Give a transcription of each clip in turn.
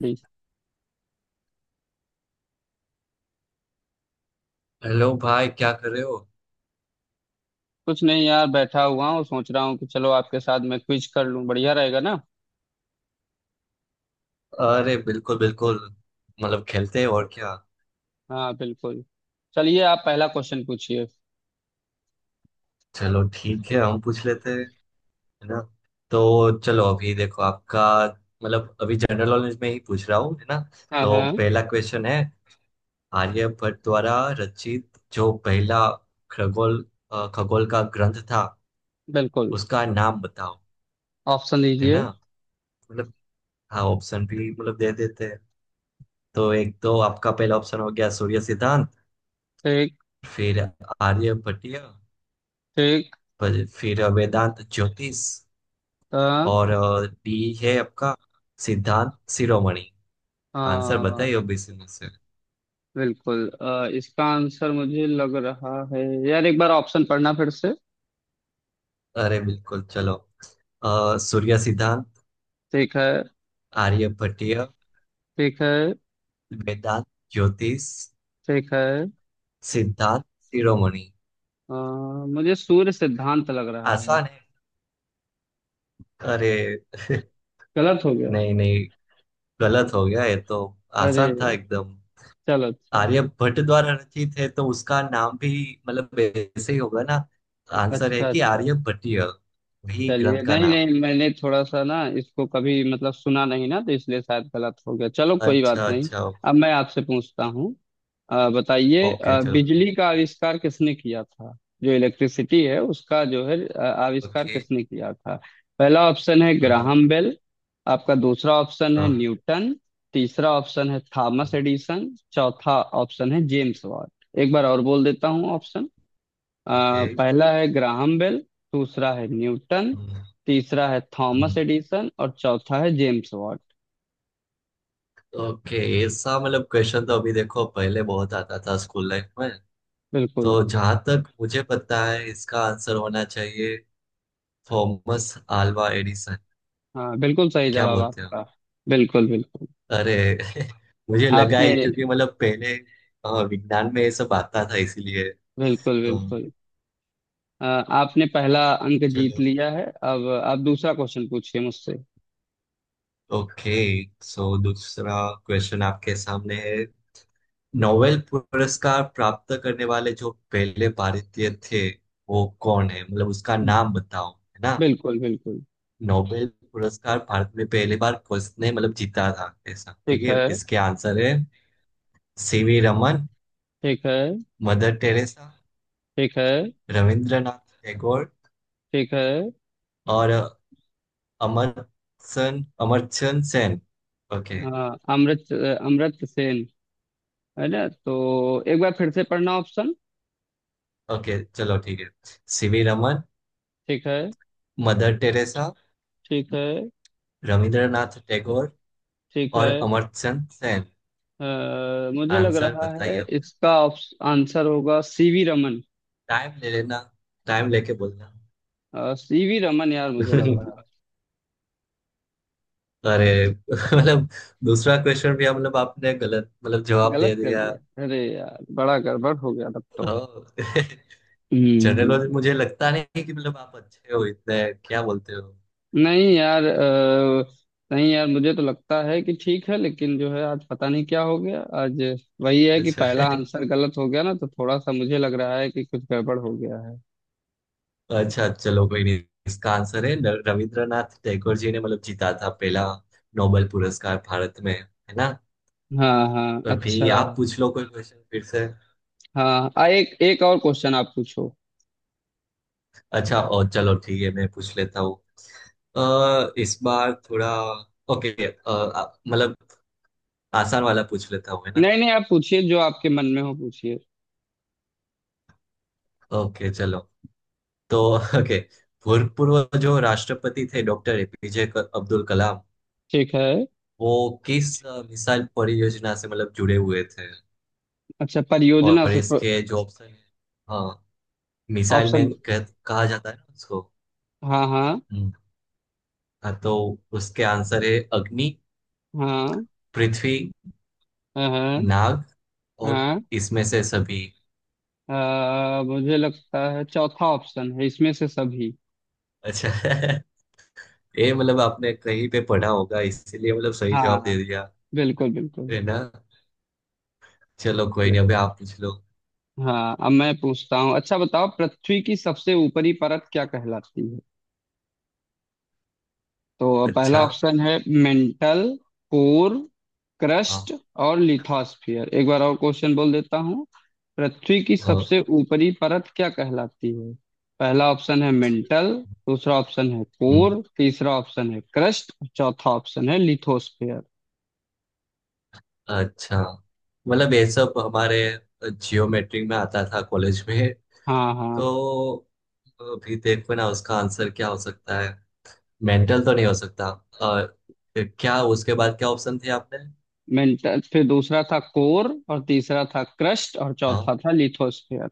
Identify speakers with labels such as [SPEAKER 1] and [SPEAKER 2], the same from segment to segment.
[SPEAKER 1] Please.
[SPEAKER 2] Hello भाई, क्या कर रहे हो?
[SPEAKER 1] कुछ नहीं यार, बैठा हुआ हूँ सोच रहा हूँ कि चलो आपके साथ मैं क्विज कर लूँ, बढ़िया रहेगा ना।
[SPEAKER 2] अरे बिल्कुल बिल्कुल। मतलब खेलते हैं और क्या।
[SPEAKER 1] हाँ बिल्कुल, चलिए आप पहला क्वेश्चन पूछिए।
[SPEAKER 2] चलो ठीक है, हम पूछ लेते हैं, है ना। तो चलो अभी देखो आपका, मतलब अभी जनरल नॉलेज में ही पूछ रहा हूँ, है ना।
[SPEAKER 1] हाँ
[SPEAKER 2] तो
[SPEAKER 1] हाँ
[SPEAKER 2] पहला क्वेश्चन है, आर्यभट्ट द्वारा रचित जो पहला खगोल, खगोल का ग्रंथ था,
[SPEAKER 1] बिल्कुल।
[SPEAKER 2] उसका नाम बताओ।
[SPEAKER 1] ऑप्शन
[SPEAKER 2] है
[SPEAKER 1] दीजिए।
[SPEAKER 2] ना। मतलब हाँ, ऑप्शन भी मतलब दे देते हैं। तो एक तो आपका पहला ऑप्शन हो गया सूर्य सिद्धांत,
[SPEAKER 1] ठीक।
[SPEAKER 2] फिर आर्यभट्टिय,
[SPEAKER 1] ठीक।
[SPEAKER 2] पर फिर वेदांत ज्योतिष,
[SPEAKER 1] अ,
[SPEAKER 2] और डी है आपका सिद्धांत शिरोमणि। आंसर
[SPEAKER 1] हाँ
[SPEAKER 2] बताइए ओबीसी में से।
[SPEAKER 1] बिल्कुल, इसका आंसर मुझे लग रहा है। यार एक बार ऑप्शन पढ़ना फिर से।
[SPEAKER 2] अरे बिल्कुल चलो। सूर्य सिद्धांत,
[SPEAKER 1] ठीक है।
[SPEAKER 2] आर्यभट्टीय,
[SPEAKER 1] ठीक है।
[SPEAKER 2] वेदांत ज्योतिष,
[SPEAKER 1] ठीक है।
[SPEAKER 2] सिद्धांत शिरोमणि।
[SPEAKER 1] अ, मुझे सूर्य सिद्धांत लग रहा है।
[SPEAKER 2] आसान है। अरे
[SPEAKER 1] गलत हो गया।
[SPEAKER 2] नहीं नहीं, गलत हो गया ये तो।
[SPEAKER 1] अरे
[SPEAKER 2] आसान था एकदम।
[SPEAKER 1] चलो अच्छा।
[SPEAKER 2] आर्यभट्ट द्वारा रचित है तो उसका नाम भी मतलब ऐसे ही होगा ना। आंसर है
[SPEAKER 1] अच्छा
[SPEAKER 2] कि
[SPEAKER 1] अच्छा।
[SPEAKER 2] आर्यभट्टीय, वही
[SPEAKER 1] चलिए
[SPEAKER 2] ग्रंथ का
[SPEAKER 1] नहीं
[SPEAKER 2] नाम
[SPEAKER 1] नहीं,
[SPEAKER 2] है।
[SPEAKER 1] मैंने थोड़ा सा ना इसको कभी मतलब सुना नहीं ना तो इसलिए शायद गलत हो गया, चलो कोई बात
[SPEAKER 2] अच्छा
[SPEAKER 1] नहीं।
[SPEAKER 2] अच्छा।
[SPEAKER 1] अब मैं आपसे पूछता हूँ। बताइए
[SPEAKER 2] ओके चलो।
[SPEAKER 1] बिजली का आविष्कार किसने किया था। जो इलेक्ट्रिसिटी है उसका जो है आविष्कार
[SPEAKER 2] ओके।
[SPEAKER 1] किसने किया था। पहला ऑप्शन है ग्राहम बेल। आपका दूसरा ऑप्शन है न्यूटन। तीसरा ऑप्शन है थॉमस एडिसन, चौथा ऑप्शन है जेम्स वाट। एक बार और बोल देता हूँ ऑप्शन।
[SPEAKER 2] ओके।
[SPEAKER 1] अ, पहला है ग्राहम बेल। दूसरा है न्यूटन। तीसरा है थॉमस एडिसन और चौथा है जेम्स वाट।
[SPEAKER 2] ओके। ऐसा मतलब क्वेश्चन तो अभी देखो पहले बहुत आता था स्कूल लाइफ में।
[SPEAKER 1] बिल्कुल।
[SPEAKER 2] तो जहां तक मुझे पता है, इसका आंसर होना चाहिए थॉमस आल्वा एडिसन।
[SPEAKER 1] हाँ बिल्कुल सही
[SPEAKER 2] क्या
[SPEAKER 1] जवाब
[SPEAKER 2] बोलते हो?
[SPEAKER 1] आपका। बिल्कुल बिल्कुल।
[SPEAKER 2] अरे मुझे लगा
[SPEAKER 1] आपने।
[SPEAKER 2] है क्योंकि मतलब पहले विज्ञान में ये सब आता था इसीलिए।
[SPEAKER 1] बिल्कुल
[SPEAKER 2] अ,
[SPEAKER 1] बिल्कुल। आपने पहला अंक जीत
[SPEAKER 2] चलो।
[SPEAKER 1] लिया है। अब आप दूसरा क्वेश्चन पूछिए मुझसे।
[SPEAKER 2] ओके। सो दूसरा क्वेश्चन आपके सामने है। नोबेल पुरस्कार प्राप्त करने वाले जो पहले भारतीय थे, वो कौन है, मतलब उसका नाम बताओ, है ना।
[SPEAKER 1] बिल्कुल बिल्कुल।
[SPEAKER 2] नोबेल पुरस्कार भारत में पहली बार किसने मतलब जीता था, ऐसा। ठीक
[SPEAKER 1] ठीक
[SPEAKER 2] है
[SPEAKER 1] है।
[SPEAKER 2] इसके आंसर है, सीवी रमन,
[SPEAKER 1] ठीक है।
[SPEAKER 2] मदर टेरेसा,
[SPEAKER 1] ठीक है।
[SPEAKER 2] रविंद्रनाथ टैगोर,
[SPEAKER 1] ठीक है।
[SPEAKER 2] और अमर्त्य, अमर्त्य सेन। ओके।
[SPEAKER 1] हाँ। अमृत अमृत सेन। है ना, तो एक बार फिर से पढ़ना ऑप्शन।
[SPEAKER 2] ओके चलो ठीक है। सीवी रमन,
[SPEAKER 1] ठीक है।
[SPEAKER 2] मदर टेरेसा,
[SPEAKER 1] ठीक है।
[SPEAKER 2] रविंद्रनाथ टैगोर,
[SPEAKER 1] ठीक
[SPEAKER 2] और
[SPEAKER 1] है।
[SPEAKER 2] अमर्त्य सेन।
[SPEAKER 1] अ, मुझे लग
[SPEAKER 2] आंसर
[SPEAKER 1] रहा है
[SPEAKER 2] बताइए।
[SPEAKER 1] इसका आंसर होगा सीवी रमन।
[SPEAKER 2] टाइम ले लेना, टाइम लेके बोलना।
[SPEAKER 1] सीवी रमन यार मुझे लग रहा है।
[SPEAKER 2] अरे मतलब दूसरा क्वेश्चन भी मतलब आपने गलत मतलब जवाब दे
[SPEAKER 1] गलत कर
[SPEAKER 2] दिया।
[SPEAKER 1] दिया। अरे यार बड़ा गड़बड़ हो गया तब तो।
[SPEAKER 2] जनरल नॉलेज
[SPEAKER 1] यार।
[SPEAKER 2] मुझे लगता नहीं कि मतलब आप अच्छे हो इतने। क्या बोलते हो?
[SPEAKER 1] नहीं यार, नहीं यार, मुझे तो लगता है कि ठीक है लेकिन जो है, आज पता नहीं क्या हो गया आज। वही है कि
[SPEAKER 2] अच्छा
[SPEAKER 1] पहला आंसर गलत हो गया ना तो थोड़ा सा मुझे लग रहा है कि कुछ गड़बड़ हो गया है।
[SPEAKER 2] अच्छा चलो कोई नहीं। इसका आंसर है न- रविंद्रनाथ टैगोर जी ने मतलब जीता था पहला नोबेल पुरस्कार भारत में, है ना।
[SPEAKER 1] हाँ हाँ
[SPEAKER 2] अभी आप
[SPEAKER 1] अच्छा।
[SPEAKER 2] पूछ लो कोई क्वेश्चन फिर से।
[SPEAKER 1] हाँ, एक एक और क्वेश्चन आप पूछो।
[SPEAKER 2] अच्छा और चलो ठीक है, मैं पूछ लेता हूँ। इस बार थोड़ा, ओके, मतलब आसान वाला पूछ लेता हूँ, है ना।
[SPEAKER 1] नहीं नहीं, आप पूछिए जो आपके मन में हो पूछिए।
[SPEAKER 2] ओके चलो। तो, ओके, भूतपूर्व जो राष्ट्रपति थे डॉक्टर एपीजे अब्दुल कलाम,
[SPEAKER 1] ठीक है।
[SPEAKER 2] वो किस मिसाइल परियोजना से मतलब जुड़े हुए थे?
[SPEAKER 1] अच्छा परियोजना
[SPEAKER 2] और
[SPEAKER 1] से।
[SPEAKER 2] इसके जो ऑप्शन है। हाँ, मिसाइल
[SPEAKER 1] ऑप्शन।
[SPEAKER 2] मैन कहा जाता है ना उसको।
[SPEAKER 1] हाँ हाँ।
[SPEAKER 2] हम्म, हाँ तो उसके आंसर है अग्नि,
[SPEAKER 1] हाँ
[SPEAKER 2] पृथ्वी,
[SPEAKER 1] हाँ। हाँ।
[SPEAKER 2] नाग, और
[SPEAKER 1] हाँ।
[SPEAKER 2] इसमें से सभी।
[SPEAKER 1] मुझे लगता है चौथा ऑप्शन है, इसमें से सभी।
[SPEAKER 2] अच्छा ये मतलब आपने कहीं पे पढ़ा होगा इसीलिए मतलब सही जवाब
[SPEAKER 1] हाँ
[SPEAKER 2] दे दिया,
[SPEAKER 1] बिल्कुल बिल्कुल।
[SPEAKER 2] है ना। चलो कोई नहीं, अभी आप पूछ लो।
[SPEAKER 1] हाँ अब मैं पूछता हूँ। अच्छा बताओ, पृथ्वी की सबसे ऊपरी परत क्या कहलाती है। तो पहला
[SPEAKER 2] अच्छा।
[SPEAKER 1] ऑप्शन है मेंटल, कोर,
[SPEAKER 2] हाँ
[SPEAKER 1] क्रस्ट और लिथोस्फियर। एक बार और क्वेश्चन बोल देता हूँ। पृथ्वी की
[SPEAKER 2] हाँ।
[SPEAKER 1] सबसे ऊपरी परत क्या कहलाती है। पहला ऑप्शन है मेंटल, दूसरा ऑप्शन है
[SPEAKER 2] हम्म,
[SPEAKER 1] कोर, तीसरा ऑप्शन है क्रस्ट और चौथा ऑप्शन है लिथोस्फियर।
[SPEAKER 2] अच्छा, मतलब ये सब हमारे जियोमेट्री में आता था कॉलेज में।
[SPEAKER 1] हाँ।
[SPEAKER 2] तो
[SPEAKER 1] हाँ।
[SPEAKER 2] अभी देखो ना उसका आंसर क्या हो सकता है। मेंटल तो नहीं हो सकता। और क्या, उसके बाद क्या ऑप्शन थे आपने?
[SPEAKER 1] मेंटल, फिर दूसरा था कोर और तीसरा था क्रस्ट और
[SPEAKER 2] हाँ
[SPEAKER 1] चौथा था लिथोस्फियर।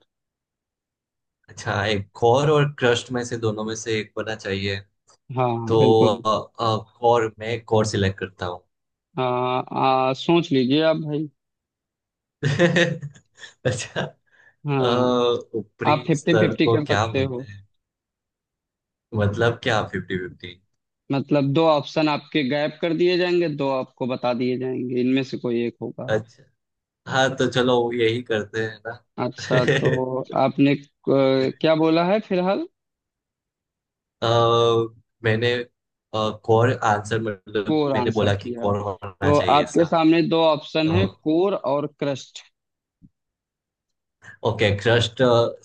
[SPEAKER 2] अच्छा, एक कोर और क्रस्ट में से दोनों में से एक बना चाहिए।
[SPEAKER 1] हाँ हाँ
[SPEAKER 2] तो
[SPEAKER 1] बिल्कुल।
[SPEAKER 2] कोर, मैं कोर सिलेक्ट करता हूँ।
[SPEAKER 1] आ, आ, सोच लीजिए आप भाई।
[SPEAKER 2] अच्छा। अ,
[SPEAKER 1] हाँ। आप
[SPEAKER 2] ऊपरी
[SPEAKER 1] फिफ्टी
[SPEAKER 2] स्तर
[SPEAKER 1] फिफ्टी
[SPEAKER 2] को
[SPEAKER 1] कर
[SPEAKER 2] क्या
[SPEAKER 1] सकते हो।
[SPEAKER 2] बोलते हैं? मतलब क्या फिफ्टी फिफ्टी?
[SPEAKER 1] मतलब दो ऑप्शन आपके गायब कर दिए जाएंगे, दो आपको बता दिए जाएंगे, इनमें से कोई एक होगा।
[SPEAKER 2] अच्छा हाँ, तो चलो यही करते हैं ना।
[SPEAKER 1] अच्छा तो आपने क्या बोला है फिलहाल।
[SPEAKER 2] अ, मैंने कोर आंसर, मतलब
[SPEAKER 1] कोर
[SPEAKER 2] मैंने
[SPEAKER 1] आंसर
[SPEAKER 2] बोला कि
[SPEAKER 1] किया है,
[SPEAKER 2] कोर होना
[SPEAKER 1] तो
[SPEAKER 2] चाहिए
[SPEAKER 1] आपके
[SPEAKER 2] ऐसा।
[SPEAKER 1] सामने दो ऑप्शन है कोर और क्रस्ट।
[SPEAKER 2] ओके, क्रस्ट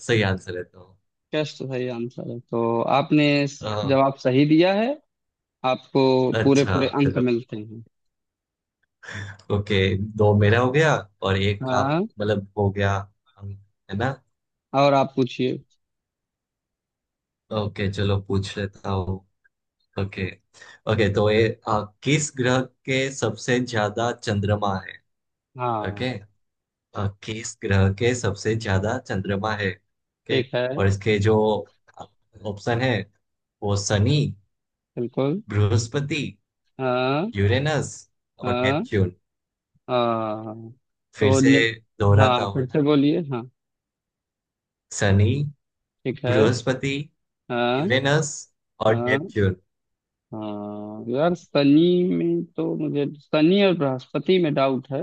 [SPEAKER 2] सही आंसर है तो।
[SPEAKER 1] क्रस्ट सही आंसर है तो आपने
[SPEAKER 2] अ,
[SPEAKER 1] जवाब सही दिया है। आपको पूरे
[SPEAKER 2] अच्छा
[SPEAKER 1] पूरे अंक
[SPEAKER 2] चलो।
[SPEAKER 1] मिलते हैं।
[SPEAKER 2] ओके, दो मेरा हो गया और एक आप,
[SPEAKER 1] हाँ,
[SPEAKER 2] मतलब हो गया, है ना।
[SPEAKER 1] और आप पूछिए।
[SPEAKER 2] ओके चलो, पूछ लेता हूँ। ओके। ओके तो ये किस ग्रह के सबसे ज्यादा चंद्रमा है। ओके।
[SPEAKER 1] हाँ।
[SPEAKER 2] किस ग्रह के सबसे ज्यादा चंद्रमा है, ओके।
[SPEAKER 1] ठीक है।
[SPEAKER 2] और इसके जो ऑप्शन है, वो शनि,
[SPEAKER 1] बिल्कुल।
[SPEAKER 2] बृहस्पति,
[SPEAKER 1] हाँ।
[SPEAKER 2] यूरेनस, और
[SPEAKER 1] हाँ।
[SPEAKER 2] नेपच्यून।
[SPEAKER 1] हाँ।
[SPEAKER 2] फिर
[SPEAKER 1] तो
[SPEAKER 2] से
[SPEAKER 1] ने-
[SPEAKER 2] दोहराता
[SPEAKER 1] हाँ
[SPEAKER 2] हूँ,
[SPEAKER 1] फिर
[SPEAKER 2] है
[SPEAKER 1] से
[SPEAKER 2] ना।
[SPEAKER 1] बोलिए, हाँ।
[SPEAKER 2] शनि,
[SPEAKER 1] ठीक है।
[SPEAKER 2] बृहस्पति,
[SPEAKER 1] हाँ।
[SPEAKER 2] यूरेनस, और
[SPEAKER 1] हाँ।
[SPEAKER 2] नेपच्यून।
[SPEAKER 1] हाँ यार, शनि में तो, मुझे शनि और बृहस्पति में डाउट है।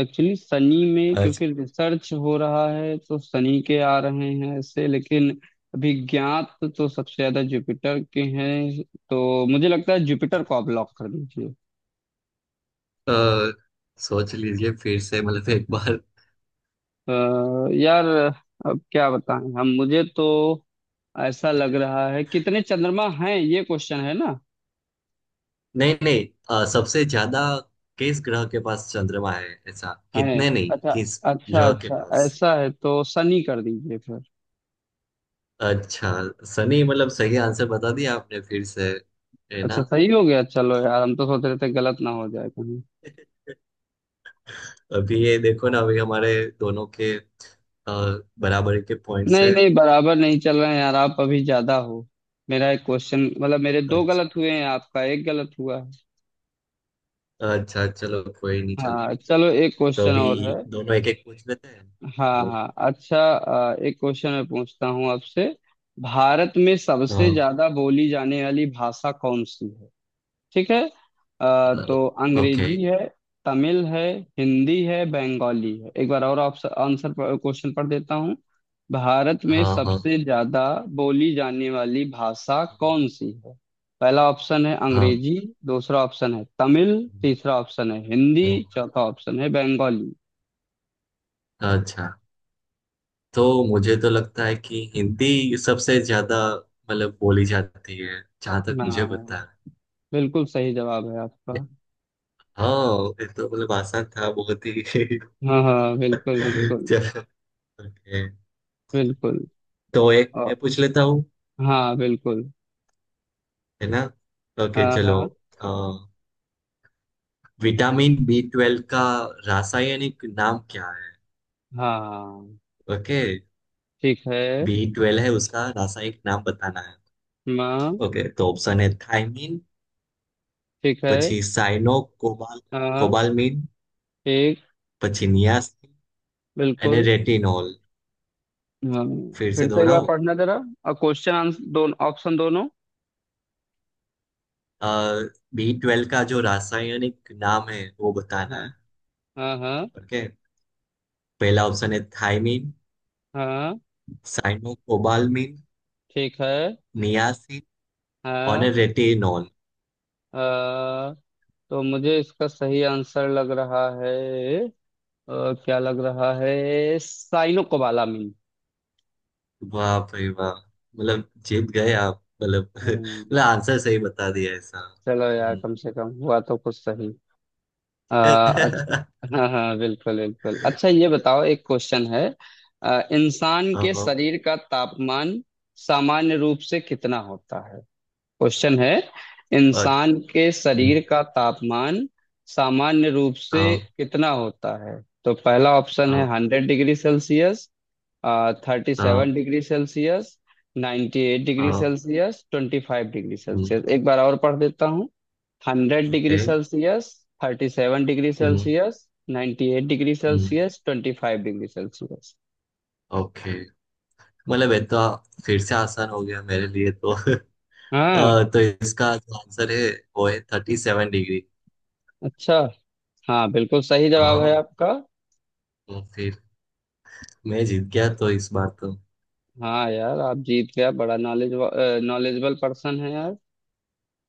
[SPEAKER 1] एक्चुअली शनि में
[SPEAKER 2] आज,
[SPEAKER 1] क्योंकि रिसर्च हो रहा है तो शनि के आ रहे हैं ऐसे, लेकिन अभी ज्ञात तो सबसे ज्यादा जुपिटर के हैं। तो मुझे लगता है जुपिटर को आप लॉक कर दीजिए।
[SPEAKER 2] अ, सोच लीजिए फिर से मतलब एक बार।
[SPEAKER 1] अ, यार अब क्या बताएं हम, मुझे तो ऐसा लग रहा है कितने चंद्रमा हैं, ये क्वेश्चन है ना।
[SPEAKER 2] नहीं नहीं, सबसे ज्यादा किस ग्रह के पास चंद्रमा है, ऐसा।
[SPEAKER 1] हैं।
[SPEAKER 2] कितने नहीं,
[SPEAKER 1] अच्छा।
[SPEAKER 2] किस
[SPEAKER 1] अच्छा
[SPEAKER 2] ग्रह के
[SPEAKER 1] अच्छा।
[SPEAKER 2] पास।
[SPEAKER 1] ऐसा है तो सनी कर दीजिए फिर।
[SPEAKER 2] अच्छा, सनी मतलब सही आंसर बता दिया आपने फिर से, है ना।
[SPEAKER 1] अच्छा सही हो गया, चलो यार हम तो सोच रहे थे गलत ना हो जाए कहीं।
[SPEAKER 2] अभी ये देखो ना, अभी हमारे दोनों के बराबरी के पॉइंट्स
[SPEAKER 1] नहीं
[SPEAKER 2] है।
[SPEAKER 1] नहीं बराबर नहीं चल रहे हैं यार, आप अभी ज्यादा हो। मेरा एक क्वेश्चन, मतलब मेरे दो
[SPEAKER 2] अच्छा
[SPEAKER 1] गलत हुए हैं, आपका एक गलत हुआ है।
[SPEAKER 2] अच्छा चलो कोई नहीं चलो।
[SPEAKER 1] हाँ चलो एक
[SPEAKER 2] तो
[SPEAKER 1] क्वेश्चन
[SPEAKER 2] अभी
[SPEAKER 1] और है।
[SPEAKER 2] दोनों एक एक पूछ लेते हैं।
[SPEAKER 1] हाँ हाँ अच्छा। एक क्वेश्चन मैं पूछता हूँ आपसे। भारत में सबसे
[SPEAKER 2] हाँ।
[SPEAKER 1] ज्यादा बोली जाने वाली भाषा कौन सी है। ठीक है।
[SPEAKER 2] अ,
[SPEAKER 1] तो
[SPEAKER 2] ओके।
[SPEAKER 1] अंग्रेजी है, तमिल है, हिंदी है, बंगाली है। एक बार और ऑप्शन आंसर क्वेश्चन पढ़ देता हूँ। भारत में
[SPEAKER 2] हाँ हाँ।
[SPEAKER 1] सबसे ज्यादा बोली जाने वाली भाषा कौन सी है। पहला ऑप्शन है
[SPEAKER 2] हाँ।
[SPEAKER 1] अंग्रेजी, दूसरा ऑप्शन है तमिल, तीसरा ऑप्शन है हिंदी,
[SPEAKER 2] हम्म,
[SPEAKER 1] चौथा ऑप्शन है बंगाली।
[SPEAKER 2] अच्छा, तो मुझे तो लगता है कि हिंदी सबसे ज्यादा मतलब बोली जाती है, जहां तक मुझे
[SPEAKER 1] हाँ
[SPEAKER 2] पता है।
[SPEAKER 1] बिल्कुल सही जवाब है आपका।
[SPEAKER 2] हाँ, ये तो मतलब आसान था बहुत ही
[SPEAKER 1] हाँ हाँ बिल्कुल बिल्कुल।
[SPEAKER 2] चलो okay.
[SPEAKER 1] बिल्कुल।
[SPEAKER 2] तो एक
[SPEAKER 1] और।
[SPEAKER 2] मैं पूछ लेता हूँ,
[SPEAKER 1] हाँ बिल्कुल।
[SPEAKER 2] है ना। ओके
[SPEAKER 1] हाँ
[SPEAKER 2] चलो।
[SPEAKER 1] हाँ।
[SPEAKER 2] अ, विटामिन B12 का रासायनिक नाम क्या है?
[SPEAKER 1] हाँ।
[SPEAKER 2] ओके।
[SPEAKER 1] ठीक है।
[SPEAKER 2] B12 है, उसका रासायनिक नाम बताना है।
[SPEAKER 1] माँ।
[SPEAKER 2] ओके, तो ऑप्शन है, थायमीन,
[SPEAKER 1] ठीक है।
[SPEAKER 2] પછી સાયનો કોબાલ
[SPEAKER 1] हाँ।
[SPEAKER 2] કોબાલમિન,
[SPEAKER 1] एक।
[SPEAKER 2] પછી નિયાસિન, यानी
[SPEAKER 1] बिल्कुल।
[SPEAKER 2] रेटिनॉल।
[SPEAKER 1] हाँ
[SPEAKER 2] फिर से
[SPEAKER 1] फिर से एक बार
[SPEAKER 2] दोहराओ।
[SPEAKER 1] पढ़ना जरा, और क्वेश्चन आंसर दोनों, ऑप्शन दोनों।
[SPEAKER 2] B12 का जो रासायनिक नाम है वो
[SPEAKER 1] हाँ
[SPEAKER 2] बताना है।
[SPEAKER 1] हाँ। हाँ।
[SPEAKER 2] ओके, पहला ऑप्शन है थायमीन,
[SPEAKER 1] हाँ
[SPEAKER 2] साइनोकोबाल्मिन,
[SPEAKER 1] ठीक है।
[SPEAKER 2] नियासिन, और
[SPEAKER 1] हाँ।
[SPEAKER 2] रेटिनॉल।
[SPEAKER 1] अ, तो मुझे इसका सही आंसर लग रहा है, क्या लग रहा है, साइनो कोबालामिन।
[SPEAKER 2] वाह भाई वाह, मतलब जीत गए आप मतलब मतलब
[SPEAKER 1] हम्म।
[SPEAKER 2] आंसर सही बता दिया ऐसा।
[SPEAKER 1] चलो यार
[SPEAKER 2] हम्म।
[SPEAKER 1] कम से कम हुआ तो कुछ सही। अच्छा। हाँ हाँ बिल्कुल बिल्कुल, अच्छा ये बताओ एक क्वेश्चन है। इंसान
[SPEAKER 2] हाँ
[SPEAKER 1] के
[SPEAKER 2] हाँ।
[SPEAKER 1] शरीर का तापमान सामान्य रूप से कितना होता है। क्वेश्चन है।
[SPEAKER 2] और-
[SPEAKER 1] इंसान के
[SPEAKER 2] हम्म,
[SPEAKER 1] शरीर का तापमान सामान्य रूप से
[SPEAKER 2] हाँ
[SPEAKER 1] कितना होता है। तो पहला ऑप्शन
[SPEAKER 2] हाँ।
[SPEAKER 1] है 100 डिग्री सेल्सियस, थर्टी
[SPEAKER 2] हाँ।
[SPEAKER 1] Seven degree Celsius ninety eight degree
[SPEAKER 2] हाँ।
[SPEAKER 1] Celsius twenty five degree
[SPEAKER 2] hmm,
[SPEAKER 1] Celsius एक बार और पढ़ देता। Hundred
[SPEAKER 2] okay.
[SPEAKER 1] Degree Celsius thirty seven degree
[SPEAKER 2] hmm,
[SPEAKER 1] Celsius, ninety eight degree
[SPEAKER 2] hmm,
[SPEAKER 1] Celsius, twenty five degree Celsius.
[SPEAKER 2] Okay, मतलब ये तो फिर से आसान हो गया मेरे लिए तो
[SPEAKER 1] हाँ।
[SPEAKER 2] तो इसका जो आंसर है, वो है 37 डिग्री।
[SPEAKER 1] अच्छा। हाँ बिल्कुल सही जवाब है
[SPEAKER 2] हाँ,
[SPEAKER 1] आपका।
[SPEAKER 2] तो फिर मैं जीत गया तो इस बार तो।
[SPEAKER 1] हाँ यार आप जीत गया, बड़ा नॉलेज, नॉलेजेबल पर्सन है यार।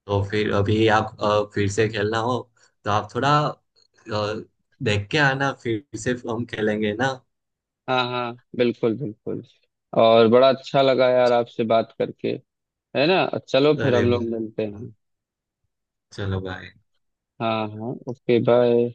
[SPEAKER 2] तो फिर अभी आप फिर से खेलना हो तो आप थोड़ा देख के आना, फिर से हम खेलेंगे ना।
[SPEAKER 1] हाँ हाँ बिल्कुल बिल्कुल, और बड़ा अच्छा लगा यार आपसे बात करके, है ना। चलो फिर
[SPEAKER 2] अरे
[SPEAKER 1] हम लोग
[SPEAKER 2] बिल्कुल।
[SPEAKER 1] मिलते हैं।
[SPEAKER 2] चलो, बाय।
[SPEAKER 1] हाँ हाँ ओके बाय।